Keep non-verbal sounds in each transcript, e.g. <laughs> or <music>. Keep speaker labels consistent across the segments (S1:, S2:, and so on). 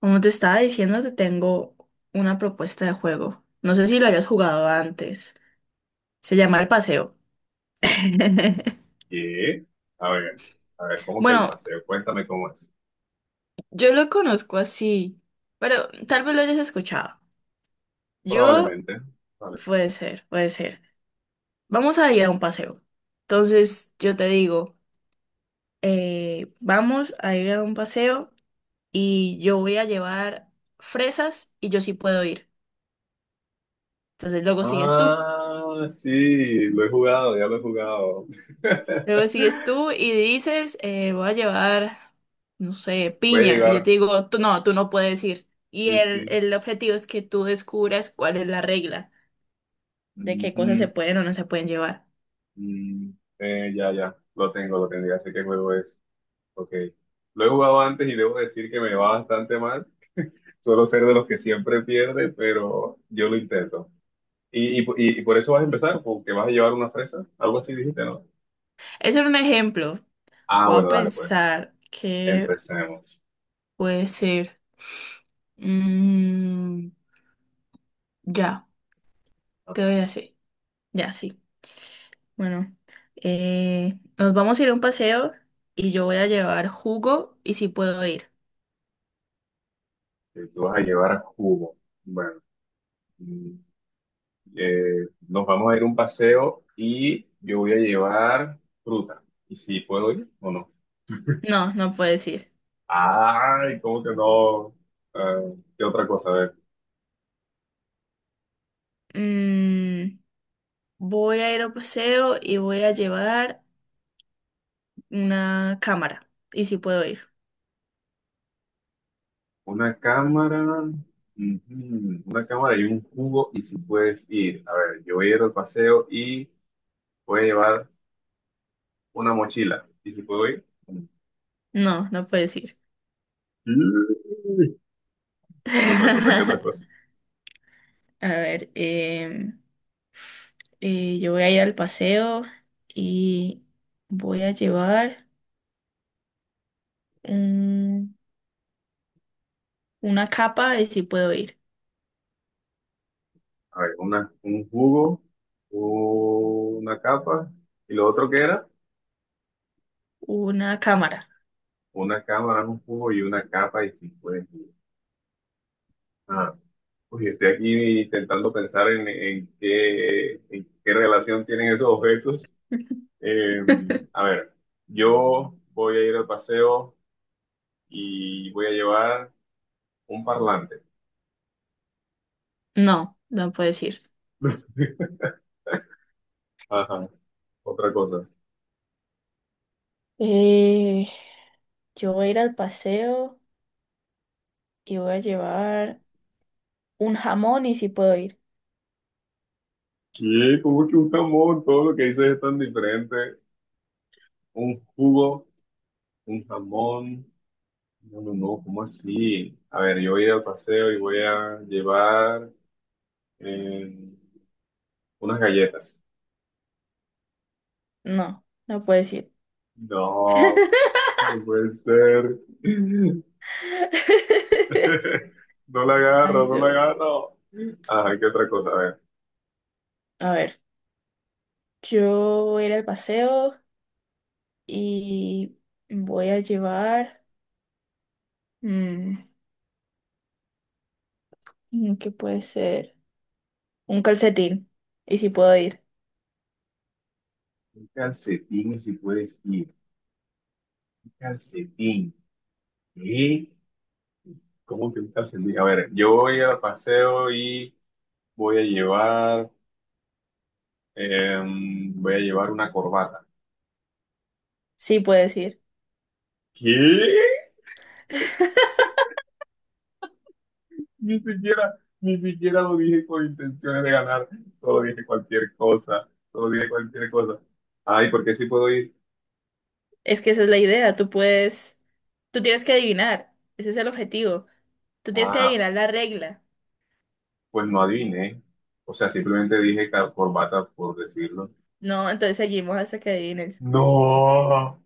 S1: Como te estaba diciendo, te tengo una propuesta de juego. No sé si lo hayas jugado antes. Se llama El Paseo. <laughs>
S2: ¿Qué? A ver, a ver, ¿cómo que el
S1: Bueno,
S2: paseo? Cuéntame cómo es.
S1: yo lo conozco así, pero tal vez lo hayas escuchado. Yo,
S2: Probablemente. Vale.
S1: puede ser. Vamos a ir a un paseo. Entonces, yo te digo, vamos a ir a un paseo y yo voy a llevar fresas y yo sí puedo ir. Entonces, luego sigues tú.
S2: Ah, sí, lo he jugado, ya lo he jugado.
S1: Luego sigues
S2: <laughs>
S1: tú y dices, voy a llevar, no sé,
S2: Voy a
S1: piña. Y yo
S2: llegar.
S1: te digo, tú no puedes ir. Y
S2: Sí,
S1: el,
S2: sí.
S1: el objetivo es que tú descubras cuál es la regla de qué cosas se
S2: Ujú,
S1: pueden o no se pueden llevar.
S2: mm, ya, ya, lo tengo, ya sé qué juego es. Ok. Lo he jugado antes y debo decir que me va bastante mal. Suelo ser de los que siempre pierde, pero yo lo intento. ¿Y por eso vas a empezar? ¿Porque vas a llevar una fresa? Algo así dijiste, ¿no?
S1: Ese era un ejemplo.
S2: Ah,
S1: Voy a
S2: bueno, dale pues.
S1: pensar que
S2: Empecemos.
S1: puede ser. Mm, ya, te voy a
S2: Ajá.
S1: decir. Ya, sí. Bueno, nos vamos a ir a un paseo y yo voy a llevar jugo y si puedo ir.
S2: Que tú vas a llevar a Cubo. Bueno, mm, nos vamos a ir a un paseo y yo voy a llevar fruta. ¿Y si puedo ir o no?
S1: No, no puedes ir.
S2: Ay, ¿cómo que no? ¿Qué otra cosa? A ver,
S1: mm, voy a ir a un paseo y voy a llevar una cámara. ¿Y si puedo ir?
S2: una cámara, ujú, una cámara y un cubo y si puedes ir. A ver, yo voy a ir al paseo y voy a llevar una mochila. ¿Y si puedo ir?
S1: No, no puedes ir.
S2: Mm, ¿Qué otra cosa? ¿Qué otra
S1: <laughs>
S2: cosa?
S1: A ver, yo voy a ir al paseo y voy a llevar un- una capa y si puedo ir.
S2: A ver, un jugo, una capa, y lo otro que era,
S1: Una cámara.
S2: una cámara, un jugo y una capa y cinco de jugo. Ah, uy, estoy aquí intentando pensar en qué relación tienen esos objetos. Eh, a
S1: <laughs>
S2: ver, yo voy a ir al paseo y voy a llevar un parlante.
S1: No, no puedes ir.
S2: <laughs> Ajá, otra cosa.
S1: Eh, yo voy a ir al paseo y voy a llevar un jamón y si puedo ir.
S2: ¿Qué? ¿Cómo que un jamón? Todo lo que dices es tan diferente. Un jugo, un jamón. No, no, no, ¿cómo así? A ver, yo voy a ir al paseo y voy a llevar eh, unas galletas.
S1: No, no puedes ir.
S2: No, no puede ser.
S1: <laughs>
S2: <laughs> No la agarro,
S1: Ay,
S2: no la
S1: no.
S2: agarro. Ajá, ¿qué otra cosa? A ver,
S1: A ver, yo voy a ir al paseo y voy a llevar, mm, ¿qué puede ser? Un calcetín. ¿Y si puedo ir?
S2: un calcetín si puedes ir. Un calcetín. ¿Qué? ¿Cómo que un calcetín? A ver, yo voy al paseo y voy a llevar, voy a llevar una corbata.
S1: Sí, puedes ir.
S2: ¿Qué? Ni siquiera, ni siquiera lo dije con intenciones de ganar, solo dije cualquier cosa, solo dije cualquier cosa. Ay, ¿por qué sí puedo ir?
S1: Es que esa es la idea. Tú puedes, tú tienes que adivinar. Ese es el objetivo. Tú tienes que
S2: Ah,
S1: adivinar la regla.
S2: pues no adiviné. O sea, simplemente dije corbata por decirlo.
S1: No, entonces seguimos hasta que adivines.
S2: No,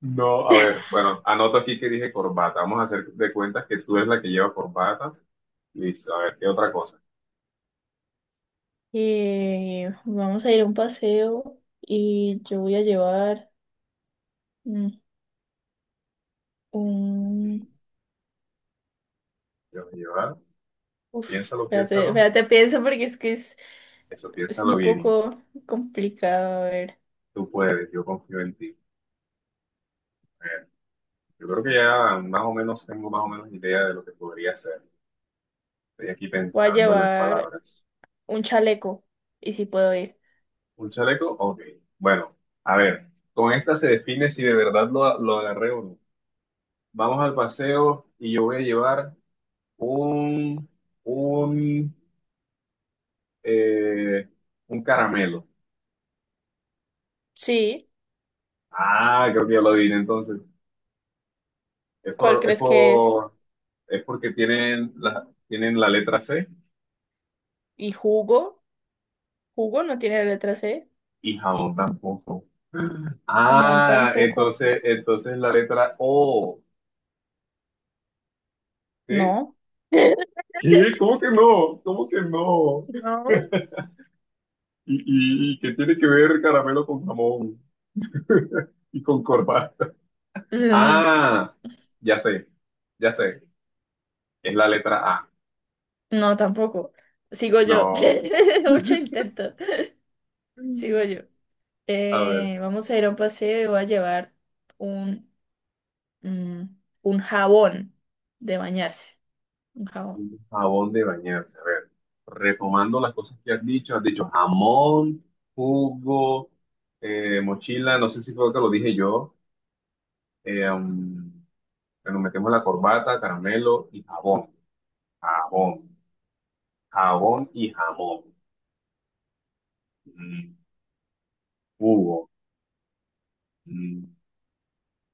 S2: no, a ver, bueno, anoto aquí que dije corbata. Vamos a hacer de cuentas que tú eres la que lleva corbata. Listo, a ver, ¿qué otra cosa?
S1: Vamos a ir a un paseo y yo voy a llevar. mm, Un...
S2: Yo voy a llevar,
S1: Uf,
S2: piénsalo,
S1: espérate,
S2: piénsalo,
S1: espérate, pienso porque
S2: eso
S1: es
S2: piénsalo
S1: un
S2: bien.
S1: poco complicado. A ver,
S2: Tú puedes, yo confío en ti. Yo creo que ya más o menos tengo más o menos idea de lo que podría ser. Estoy aquí
S1: voy a
S2: pensando en las
S1: llevar
S2: palabras.
S1: un chaleco y si puedo ir.
S2: ¿Un chaleco? Ok. Bueno, a ver, con esta se define si de verdad lo agarré o no. Vamos al paseo y yo voy a llevar un, un, eh, un caramelo.
S1: Sí,
S2: Ah, creo que ya lo adiviné entonces. Es
S1: ¿cuál
S2: por, es
S1: crees que es?
S2: por, es porque tienen la letra C.
S1: ¿Y jugo? ¿Jugo no tiene letra C?
S2: Y jamón tampoco.
S1: Jamón
S2: Ah,
S1: tampoco.
S2: entonces, la letra O, ¿sí?
S1: No. <laughs>
S2: ¿Qué? ¿Cómo que no? ¿Cómo que no?
S1: No.
S2: ¿Y, y qué tiene que ver caramelo con jamón y con corbata?
S1: Mm.
S2: Ah, ya sé, ya sé. Es la letra A.
S1: No, tampoco. Sigo yo.
S2: No.
S1: <laughs> Mucho intento. Sigo yo.
S2: A ver,
S1: Vamos a ir a un paseo y voy a llevar un Mm, un jabón de bañarse. Un jabón.
S2: jabón de bañarse. A ver, retomando las cosas que has dicho jamón, jugo, mochila, no sé si fue lo que lo dije yo. Eh, um, Bueno, metemos la corbata, caramelo y jabón. Jabón. Jabón y jamón. Mm, Hugo. Mm.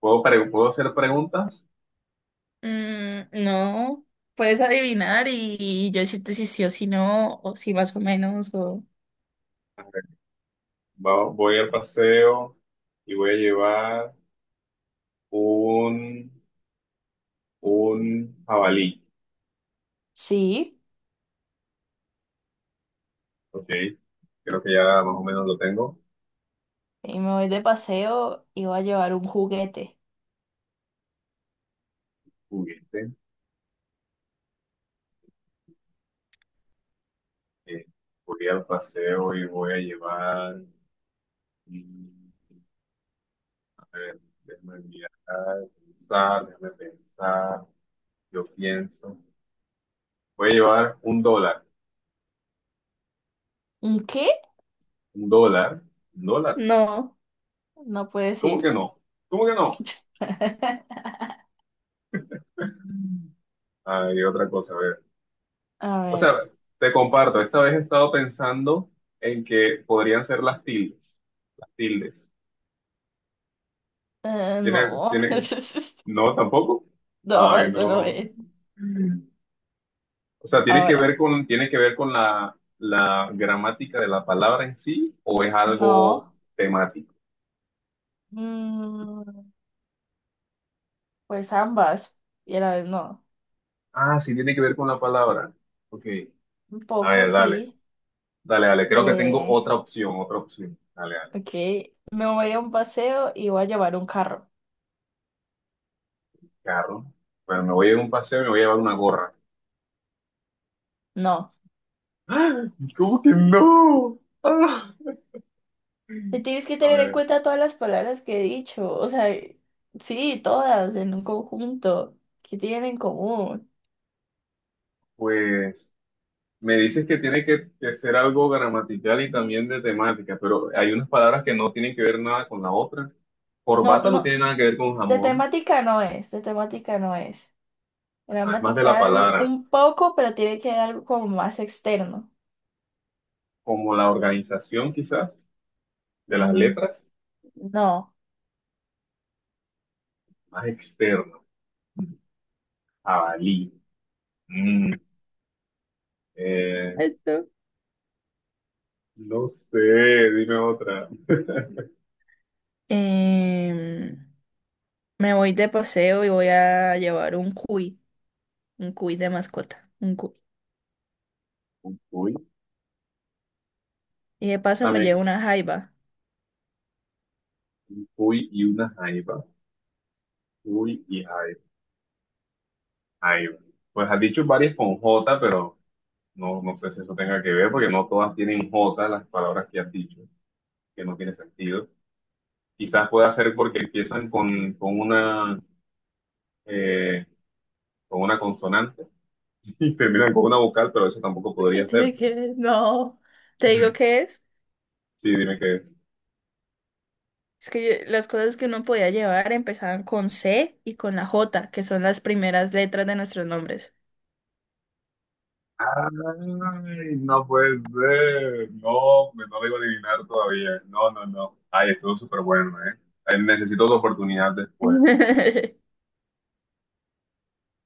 S2: ¿Puedo hacer preguntas?
S1: No, puedes adivinar y yo decirte si sí o si no, o si más o menos, o...
S2: Voy al paseo y voy a llevar un, un jabalí.
S1: Sí,
S2: Ok. Creo que ya más o menos lo tengo.
S1: y me voy de paseo y voy a llevar un juguete.
S2: Juguete. Eh, voy al paseo y voy a llevar. mm, a ver, déjame mirar, pensar, déjame pensar. Yo pienso. Voy a llevar un dólar.
S1: ¿Un qué?
S2: ¿Un dólar? ¿Un dólar?
S1: No. No puedes
S2: ¿Cómo
S1: ir.
S2: que no? ¿Cómo que no?
S1: <laughs>
S2: Hay otra cosa, a ver.
S1: A
S2: O sea,
S1: ver,
S2: te comparto, esta vez he estado pensando en que podrían ser las tildes. Las tildes. ¿Tiene,
S1: no,
S2: tiene?
S1: <laughs>
S2: No, tampoco.
S1: no,
S2: Ay,
S1: eso no
S2: no.
S1: es.
S2: O sea, ¿tiene que ver
S1: Ahora,
S2: con, tiene que ver con la gramática de la palabra en sí o es algo
S1: no,
S2: temático?
S1: mm, pues ambas, y a la vez no.
S2: Ah, sí, tiene que ver con la palabra. Ok.
S1: Un
S2: A
S1: poco
S2: ver,
S1: sí.
S2: dale. Dale, dale, creo que tengo
S1: Eh,
S2: otra opción, otra opción. Dale, dale,
S1: ok, me voy a un paseo y voy a llevar un carro.
S2: carro. Bueno, me voy a ir a un paseo y me voy a llevar una gorra.
S1: No,
S2: <gasps> ¡Ah! ¿Cómo que no? <gasps> ¡Ah!
S1: te tienes que
S2: A
S1: tener en
S2: ver,
S1: cuenta todas las palabras que he dicho, o sea, sí, todas en un conjunto que tienen en común.
S2: pues me dices que tiene que ser algo gramatical y también de temática, pero hay unas palabras que no tienen que ver nada con la otra.
S1: No,
S2: Corbata no
S1: no,
S2: tiene nada que ver con
S1: de
S2: jamón,
S1: temática no es, de temática no es.
S2: ajá, es más de la
S1: Gramatical
S2: palabra,
S1: un poco, pero tiene que haber algo como más externo.
S2: como la organización quizás de las
S1: Mm.
S2: letras,
S1: No.
S2: más externo. Jabalí. Mm, eh,
S1: Esto.
S2: No sé, dime otra.
S1: Em, me voy de paseo y voy a llevar un cuy de mascota, un cuy.
S2: Un cuy,
S1: Y de paso me llevo
S2: también,
S1: una jaiba.
S2: uy y una jaiba. Uy y jaiba. Jaiba. Pues has dicho varias con J, pero no, no sé si eso tenga que ver, porque no todas tienen J las palabras que has dicho, que no tiene sentido. Quizás pueda ser porque empiezan eh, con una consonante <laughs> y terminan con una vocal, pero eso tampoco
S1: <laughs> ¿Qué
S2: podría
S1: tiene
S2: ser.
S1: que ver? No. Te digo qué es.
S2: Sí, dime qué es.
S1: Es que las cosas que uno podía llevar empezaban con C y con la J, que son las primeras letras de nuestros nombres.
S2: Ay, no puede ser. No, no lo iba a adivinar todavía. No, no, no. Ay, estuvo súper bueno, ¿eh? Necesito otra oportunidad después.
S1: <laughs>